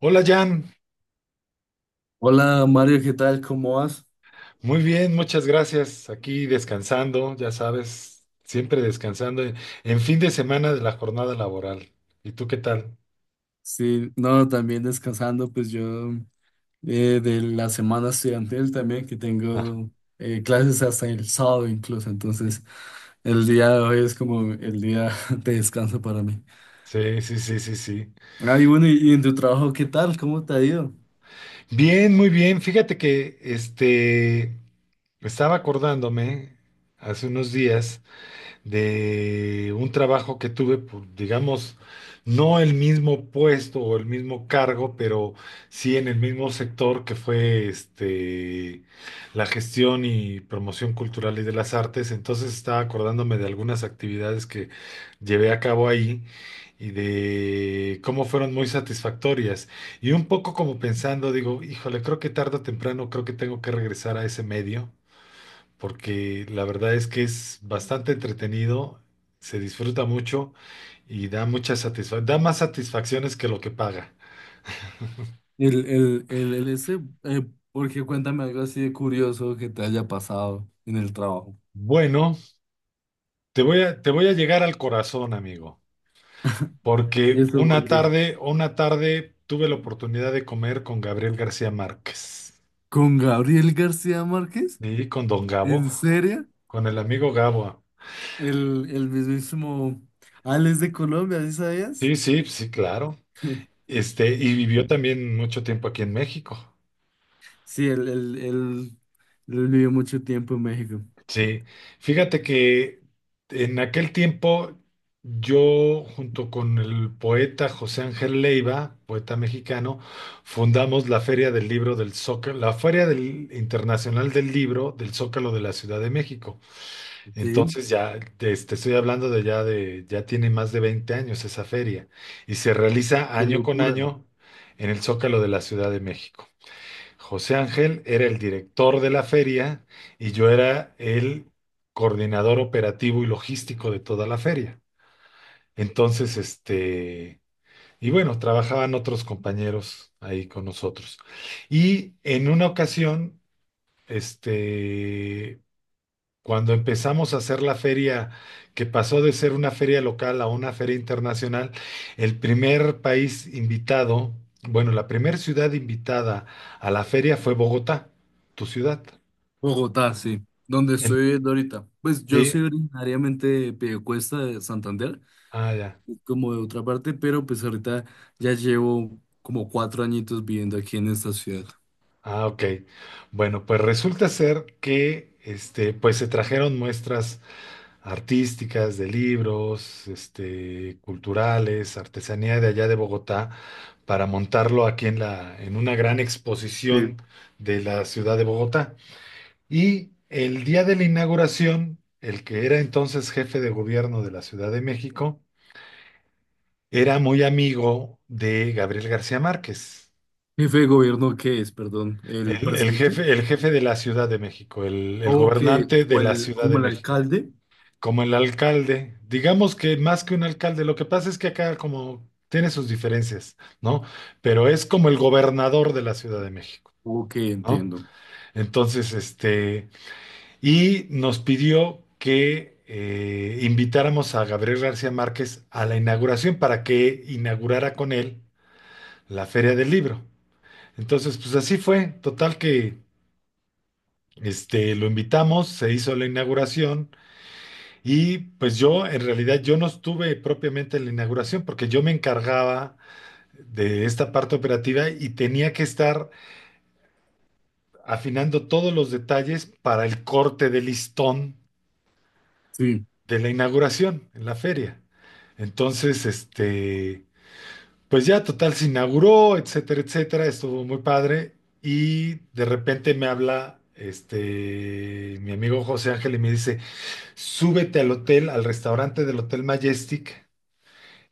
Hola Jan, Hola Mario, ¿qué tal? ¿Cómo vas? muy bien, muchas gracias. Aquí descansando, ya sabes, siempre descansando en fin de semana de la jornada laboral. ¿Y tú qué tal? Sí, no, también descansando, pues yo de la semana estudiantil también, que Ah, tengo clases hasta el sábado incluso, entonces el día de hoy es como el día de descanso para mí. sí, sí, sí, sí, sí. Ah, y bueno, ¿y en tu trabajo qué tal? ¿Cómo te ha ido? Bien, muy bien. Fíjate que estaba acordándome hace unos días de un trabajo que tuve, digamos, no el mismo puesto o el mismo cargo, pero sí en el mismo sector que fue la gestión y promoción cultural y de las artes. Entonces estaba acordándome de algunas actividades que llevé a cabo ahí y de cómo fueron muy satisfactorias. Y un poco como pensando, digo, híjole, creo que tarde o temprano, creo que tengo que regresar a ese medio porque la verdad es que es bastante entretenido, se disfruta mucho y da mucha satisfacción, da más satisfacciones que lo que paga. El, el, el, el este, eh, Porque cuéntame algo así de curioso que te haya pasado en el trabajo. Bueno, te voy a llegar al corazón, amigo, porque ¿Eso por qué? Una tarde tuve la oportunidad de comer con Gabriel García Márquez ¿Con Gabriel García Márquez? y con Don Gabo, ¿En serio? con el amigo Gabo. El mismísimo Alex de Colombia, ¿sí sabías? Sí, sí, sí, claro. Y vivió también mucho tiempo aquí en México. Sí, él vivió mucho tiempo en México. Sí, fíjate que en aquel tiempo yo junto con el poeta José Ángel Leiva, poeta mexicano, fundamos la Feria del Libro del Zócalo, Internacional del Libro del Zócalo de la Ciudad de México. Sí, Entonces ya te estoy hablando de ya tiene más de 20 años esa feria y se realiza qué año con locura. año en el Zócalo de la Ciudad de México. José Ángel era el director de la feria y yo era el coordinador operativo y logístico de toda la feria. Entonces, y bueno, trabajaban otros compañeros ahí con nosotros. Y en una ocasión, este, cuando empezamos a hacer la feria, que pasó de ser una feria local a una feria internacional, el primer país invitado, bueno, la primera ciudad invitada a la feria fue Bogotá, tu ciudad. Bogotá, sí, donde En- estoy viviendo ahorita. Pues yo soy Sí, originariamente de Piedecuesta, de Santander, ah, ya. como de otra parte, pero pues ahorita ya llevo como cuatro añitos viviendo aquí en esta ciudad. Ah, ok. Bueno, pues resulta ser que pues se trajeron muestras artísticas, de libros, culturales, artesanía de allá de Bogotá, para montarlo aquí en una gran exposición Sí. de la ciudad de Bogotá. Y el día de la inauguración, el que era entonces jefe de gobierno de la Ciudad de México, era muy amigo de Gabriel García Márquez. ¿Jefe de gobierno qué es, perdón? ¿El El, el presidente? jefe, el jefe de la Ciudad de México, el Ok, gobernante de la Ciudad de como el México. alcalde. Como el alcalde, digamos que más que un alcalde, lo que pasa es que acá como tiene sus diferencias, ¿no? Pero es como el gobernador de la Ciudad de México, Ok, ¿no? entiendo. Entonces, y nos pidió que invitáramos a Gabriel García Márquez a la inauguración para que inaugurara con él la Feria del Libro. Entonces, pues así fue, total que lo invitamos, se hizo la inauguración. Y pues yo, en realidad, yo no estuve propiamente en la inauguración porque yo me encargaba de esta parte operativa y tenía que estar afinando todos los detalles para el corte de listón Sí. de la inauguración en la feria. Entonces, pues ya total se inauguró, etcétera, etcétera, estuvo muy padre y de repente me habla mi amigo José Ángel y me dice, "Súbete al hotel, al restaurante del Hotel Majestic."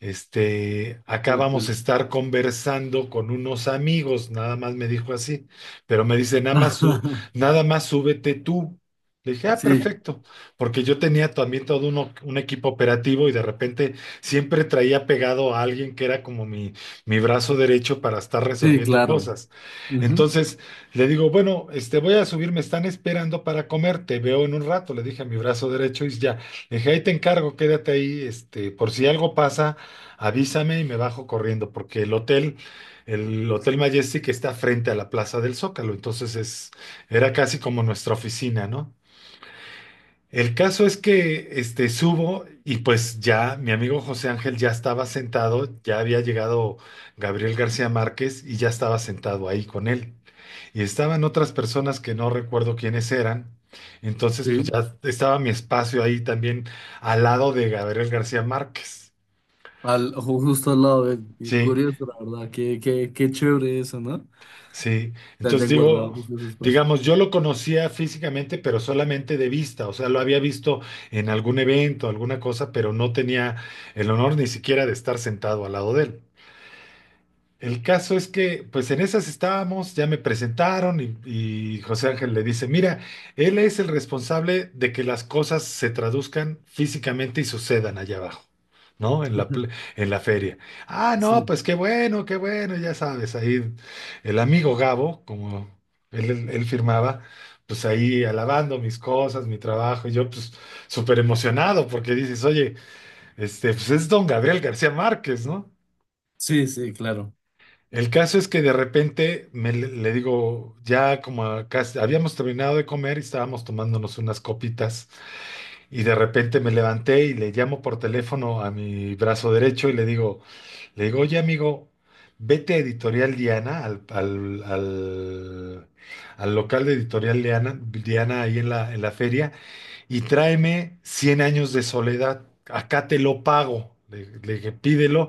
Acá vamos a estar conversando con unos amigos, nada más me dijo así, pero me dice, nada más súbete tú. Le dije, ah, Sí, perfecto, porque yo tenía también todo un equipo operativo y de repente siempre traía pegado a alguien que era como mi brazo derecho para estar sí, resolviendo claro. cosas. Ujú, Entonces le digo, bueno, voy a subir, me están esperando para comer, te veo en un rato, le dije a mi brazo derecho y ya, le dije, ahí te encargo, quédate ahí, por si algo pasa. Avísame y me bajo corriendo, porque el Hotel Majestic está frente a la Plaza del Zócalo, entonces es, era casi como nuestra oficina, ¿no? El caso es que subo y pues ya mi amigo José Ángel ya estaba sentado, ya había llegado Gabriel García Márquez y ya estaba sentado ahí con él. Y estaban otras personas que no recuerdo quiénes eran. Entonces pues sí, ya estaba mi espacio ahí también al lado de Gabriel García Márquez. al, justo al lado de él. Y Sí, curioso, la verdad. Qué chévere eso, ¿no? sí, Que entonces hayan digo, guardado justo ese espacio. digamos, yo lo conocía físicamente, pero solamente de vista, o sea, lo había visto en algún evento, alguna cosa, pero no tenía el honor ni siquiera de estar sentado al lado de él. El caso es que, pues en esas estábamos, ya me presentaron y José Ángel le dice, mira, él es el responsable de que las cosas se traduzcan físicamente y sucedan allá abajo, ¿no? En la, pl- Ujú. en la feria. Ah, no, Sí, pues qué bueno, ya sabes, ahí el amigo Gabo, como él firmaba, pues ahí alabando mis cosas, mi trabajo, y yo pues súper emocionado porque dices, oye, pues es don Gabriel García Márquez, ¿no? sí, sí, claro. El caso es que de repente le digo, ya habíamos terminado de comer y estábamos tomándonos unas copitas y de repente me levanté y le llamo por teléfono a mi brazo derecho y le digo, oye amigo, vete a Editorial Diana, al local de Editorial Diana, Diana ahí en la feria y tráeme Cien años de soledad. Acá te lo pago. Le dije, pídelo.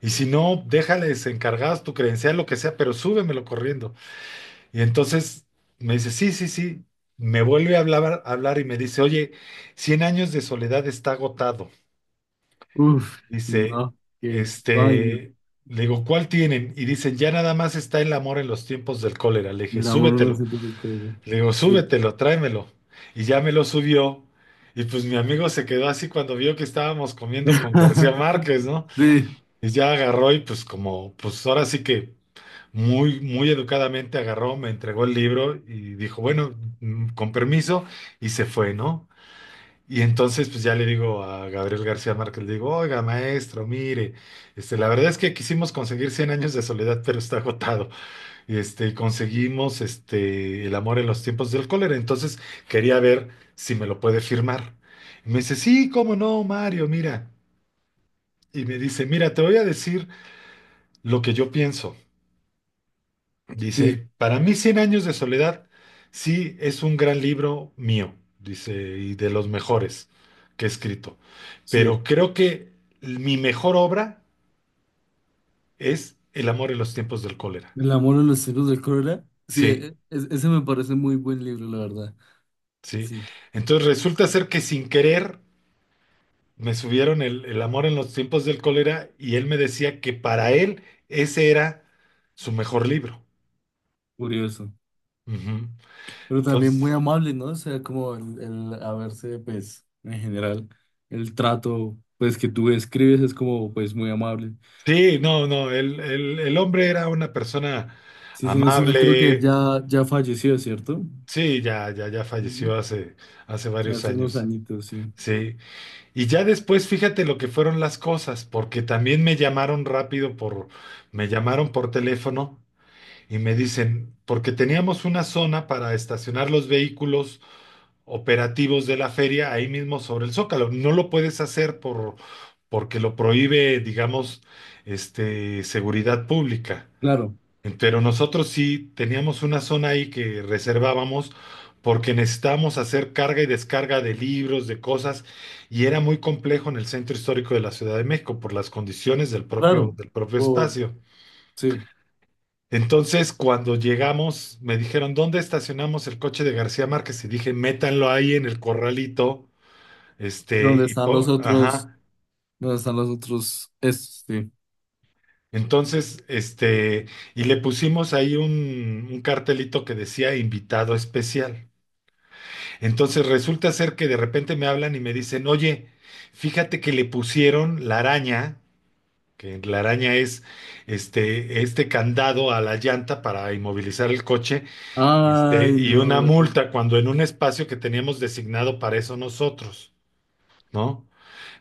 Y si no, déjales encargadas tu credencial, lo que sea, pero súbemelo corriendo. Y entonces me dice, sí, sí, sí. Me vuelve a hablar, y me dice, oye, Cien años de soledad está agotado. Uf, Dice, no, qué vaina. este, le digo, ¿cuál tienen? Y dicen, ya nada más está El amor en los tiempos del cólera. Le dije, El amor no lo súbetelo. siento del cuello. Le digo, Sí. súbetelo, tráemelo. Y ya me lo subió. Y pues mi amigo se quedó así cuando vio que estábamos comiendo con García Márquez, ¿no? Sí, Y ya agarró y pues como, pues ahora sí que muy, muy educadamente agarró, me entregó el libro y dijo, bueno, con permiso, y se fue, ¿no? Y entonces pues ya le digo a Gabriel García Márquez, le digo, oiga, maestro, mire, la verdad es que quisimos conseguir Cien años de soledad, pero está agotado conseguimos El amor en los tiempos del cólera. Entonces quería ver si me lo puede firmar. Y me dice, sí, cómo no, Mario, mira. Y me dice, mira, te voy a decir lo que yo pienso. sí, Dice, para mí, Cien años de soledad, sí, es un gran libro mío, dice, y de los mejores que he escrito. sí. Pero creo que mi mejor obra es El amor en los tiempos del cólera. El amor en los cielos de Cólera. Sí, Sí, ese me parece muy buen libro, la verdad. sí. Sí, Entonces resulta ser que sin querer me subieron El amor en los tiempos del cólera y él me decía que para él ese era su mejor libro. curioso. Ujú. Pero también Entonces, muy amable, ¿no? O sea, como el haberse, pues, en general, el trato, pues, que tú describes es como, pues, muy amable. sí, no, no, el hombre era una persona Sí, sí, no sé, creo que amable. ya, ya falleció, ¿cierto? Sí, ya, ya, ya Ujú. falleció hace, hace varios Hace unos años. añitos, sí. Sí, y ya después fíjate lo que fueron las cosas, porque también me llamaron rápido me llamaron por teléfono y me dicen, porque teníamos una zona para estacionar los vehículos operativos de la feria ahí mismo sobre el Zócalo. No lo puedes hacer porque lo prohíbe, digamos, seguridad pública. Claro, Pero nosotros sí teníamos una zona ahí que reservábamos porque necesitábamos hacer carga y descarga de libros, de cosas, y era muy complejo en el centro histórico de la Ciudad de México por las condiciones claro, del propio por, espacio. sí. Entonces, cuando llegamos, me dijeron, ¿dónde estacionamos el coche de García Márquez? Y dije, métanlo ahí en el corralito ¿Dónde están los otros, ajá. ¿Dónde están los otros, estos, sí. Entonces, y le pusimos ahí un cartelito que decía invitado especial. Entonces resulta ser que de repente me hablan y me dicen, oye, fíjate que le pusieron la araña, que la araña es este candado a la llanta para inmovilizar el coche, Ay, y una no, multa cuando en un espacio que teníamos designado para eso nosotros, ¿no?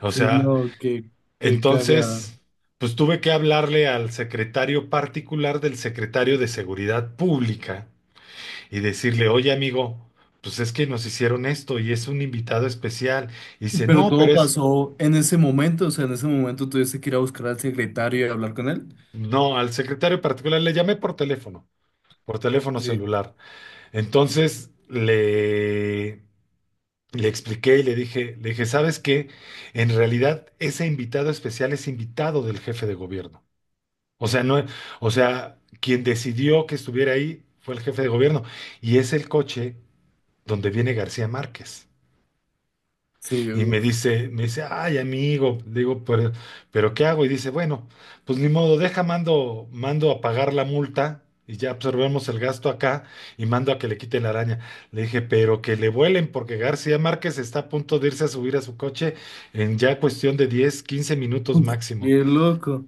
O sí, sea, no, qué, qué cagada. entonces, pues tuve que hablarle al secretario particular del secretario de Seguridad Pública y decirle, oye amigo, pues es que nos hicieron esto y es un invitado especial. Y dice, Pero no, todo pero es, pasó en ese momento, o sea, en ese momento tuviste que ir a buscar al secretario y hablar con él. no, al secretario particular le llamé por teléfono Sí, celular. Entonces le expliqué y le dije, ¿sabes qué? En realidad ese invitado especial es invitado del jefe de gobierno. O sea, no, o sea, quien decidió que estuviera ahí fue el jefe de gobierno. Y es el coche donde viene García Márquez. sí, Y me dice, ay, amigo. Le digo, pero ¿qué hago? Y dice, bueno, pues ni modo, deja, mando a pagar la multa y ya absorbemos el gasto acá y mando a que le quite la araña. Le dije, pero que le vuelen porque García Márquez está a punto de irse a subir a su coche en ya cuestión de 10 15 minutos uf, máximo. qué loco.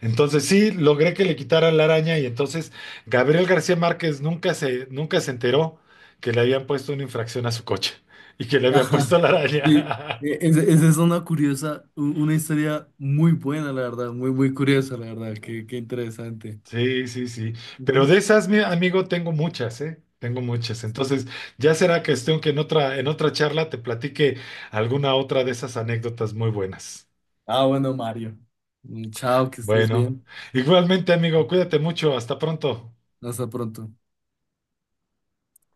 Entonces sí, logré que le quitaran la araña y entonces Gabriel García Márquez nunca se enteró que le habían puesto una infracción a su coche y que le habían puesto Ajá. la Y, araña. Esa es una curiosa, una historia muy buena, la verdad, muy, muy curiosa, la verdad, qué interesante. Sí, sí, sí. Pero Ujú. de esas, mi amigo, tengo muchas, ¿eh? Tengo muchas. Entonces, ya será cuestión que en otra charla te platique alguna otra de esas anécdotas muy buenas. Ah, bueno, Mario. Mm, chao, que estés Bueno, bien. igualmente, amigo, cuídate mucho. Hasta pronto. Hasta pronto.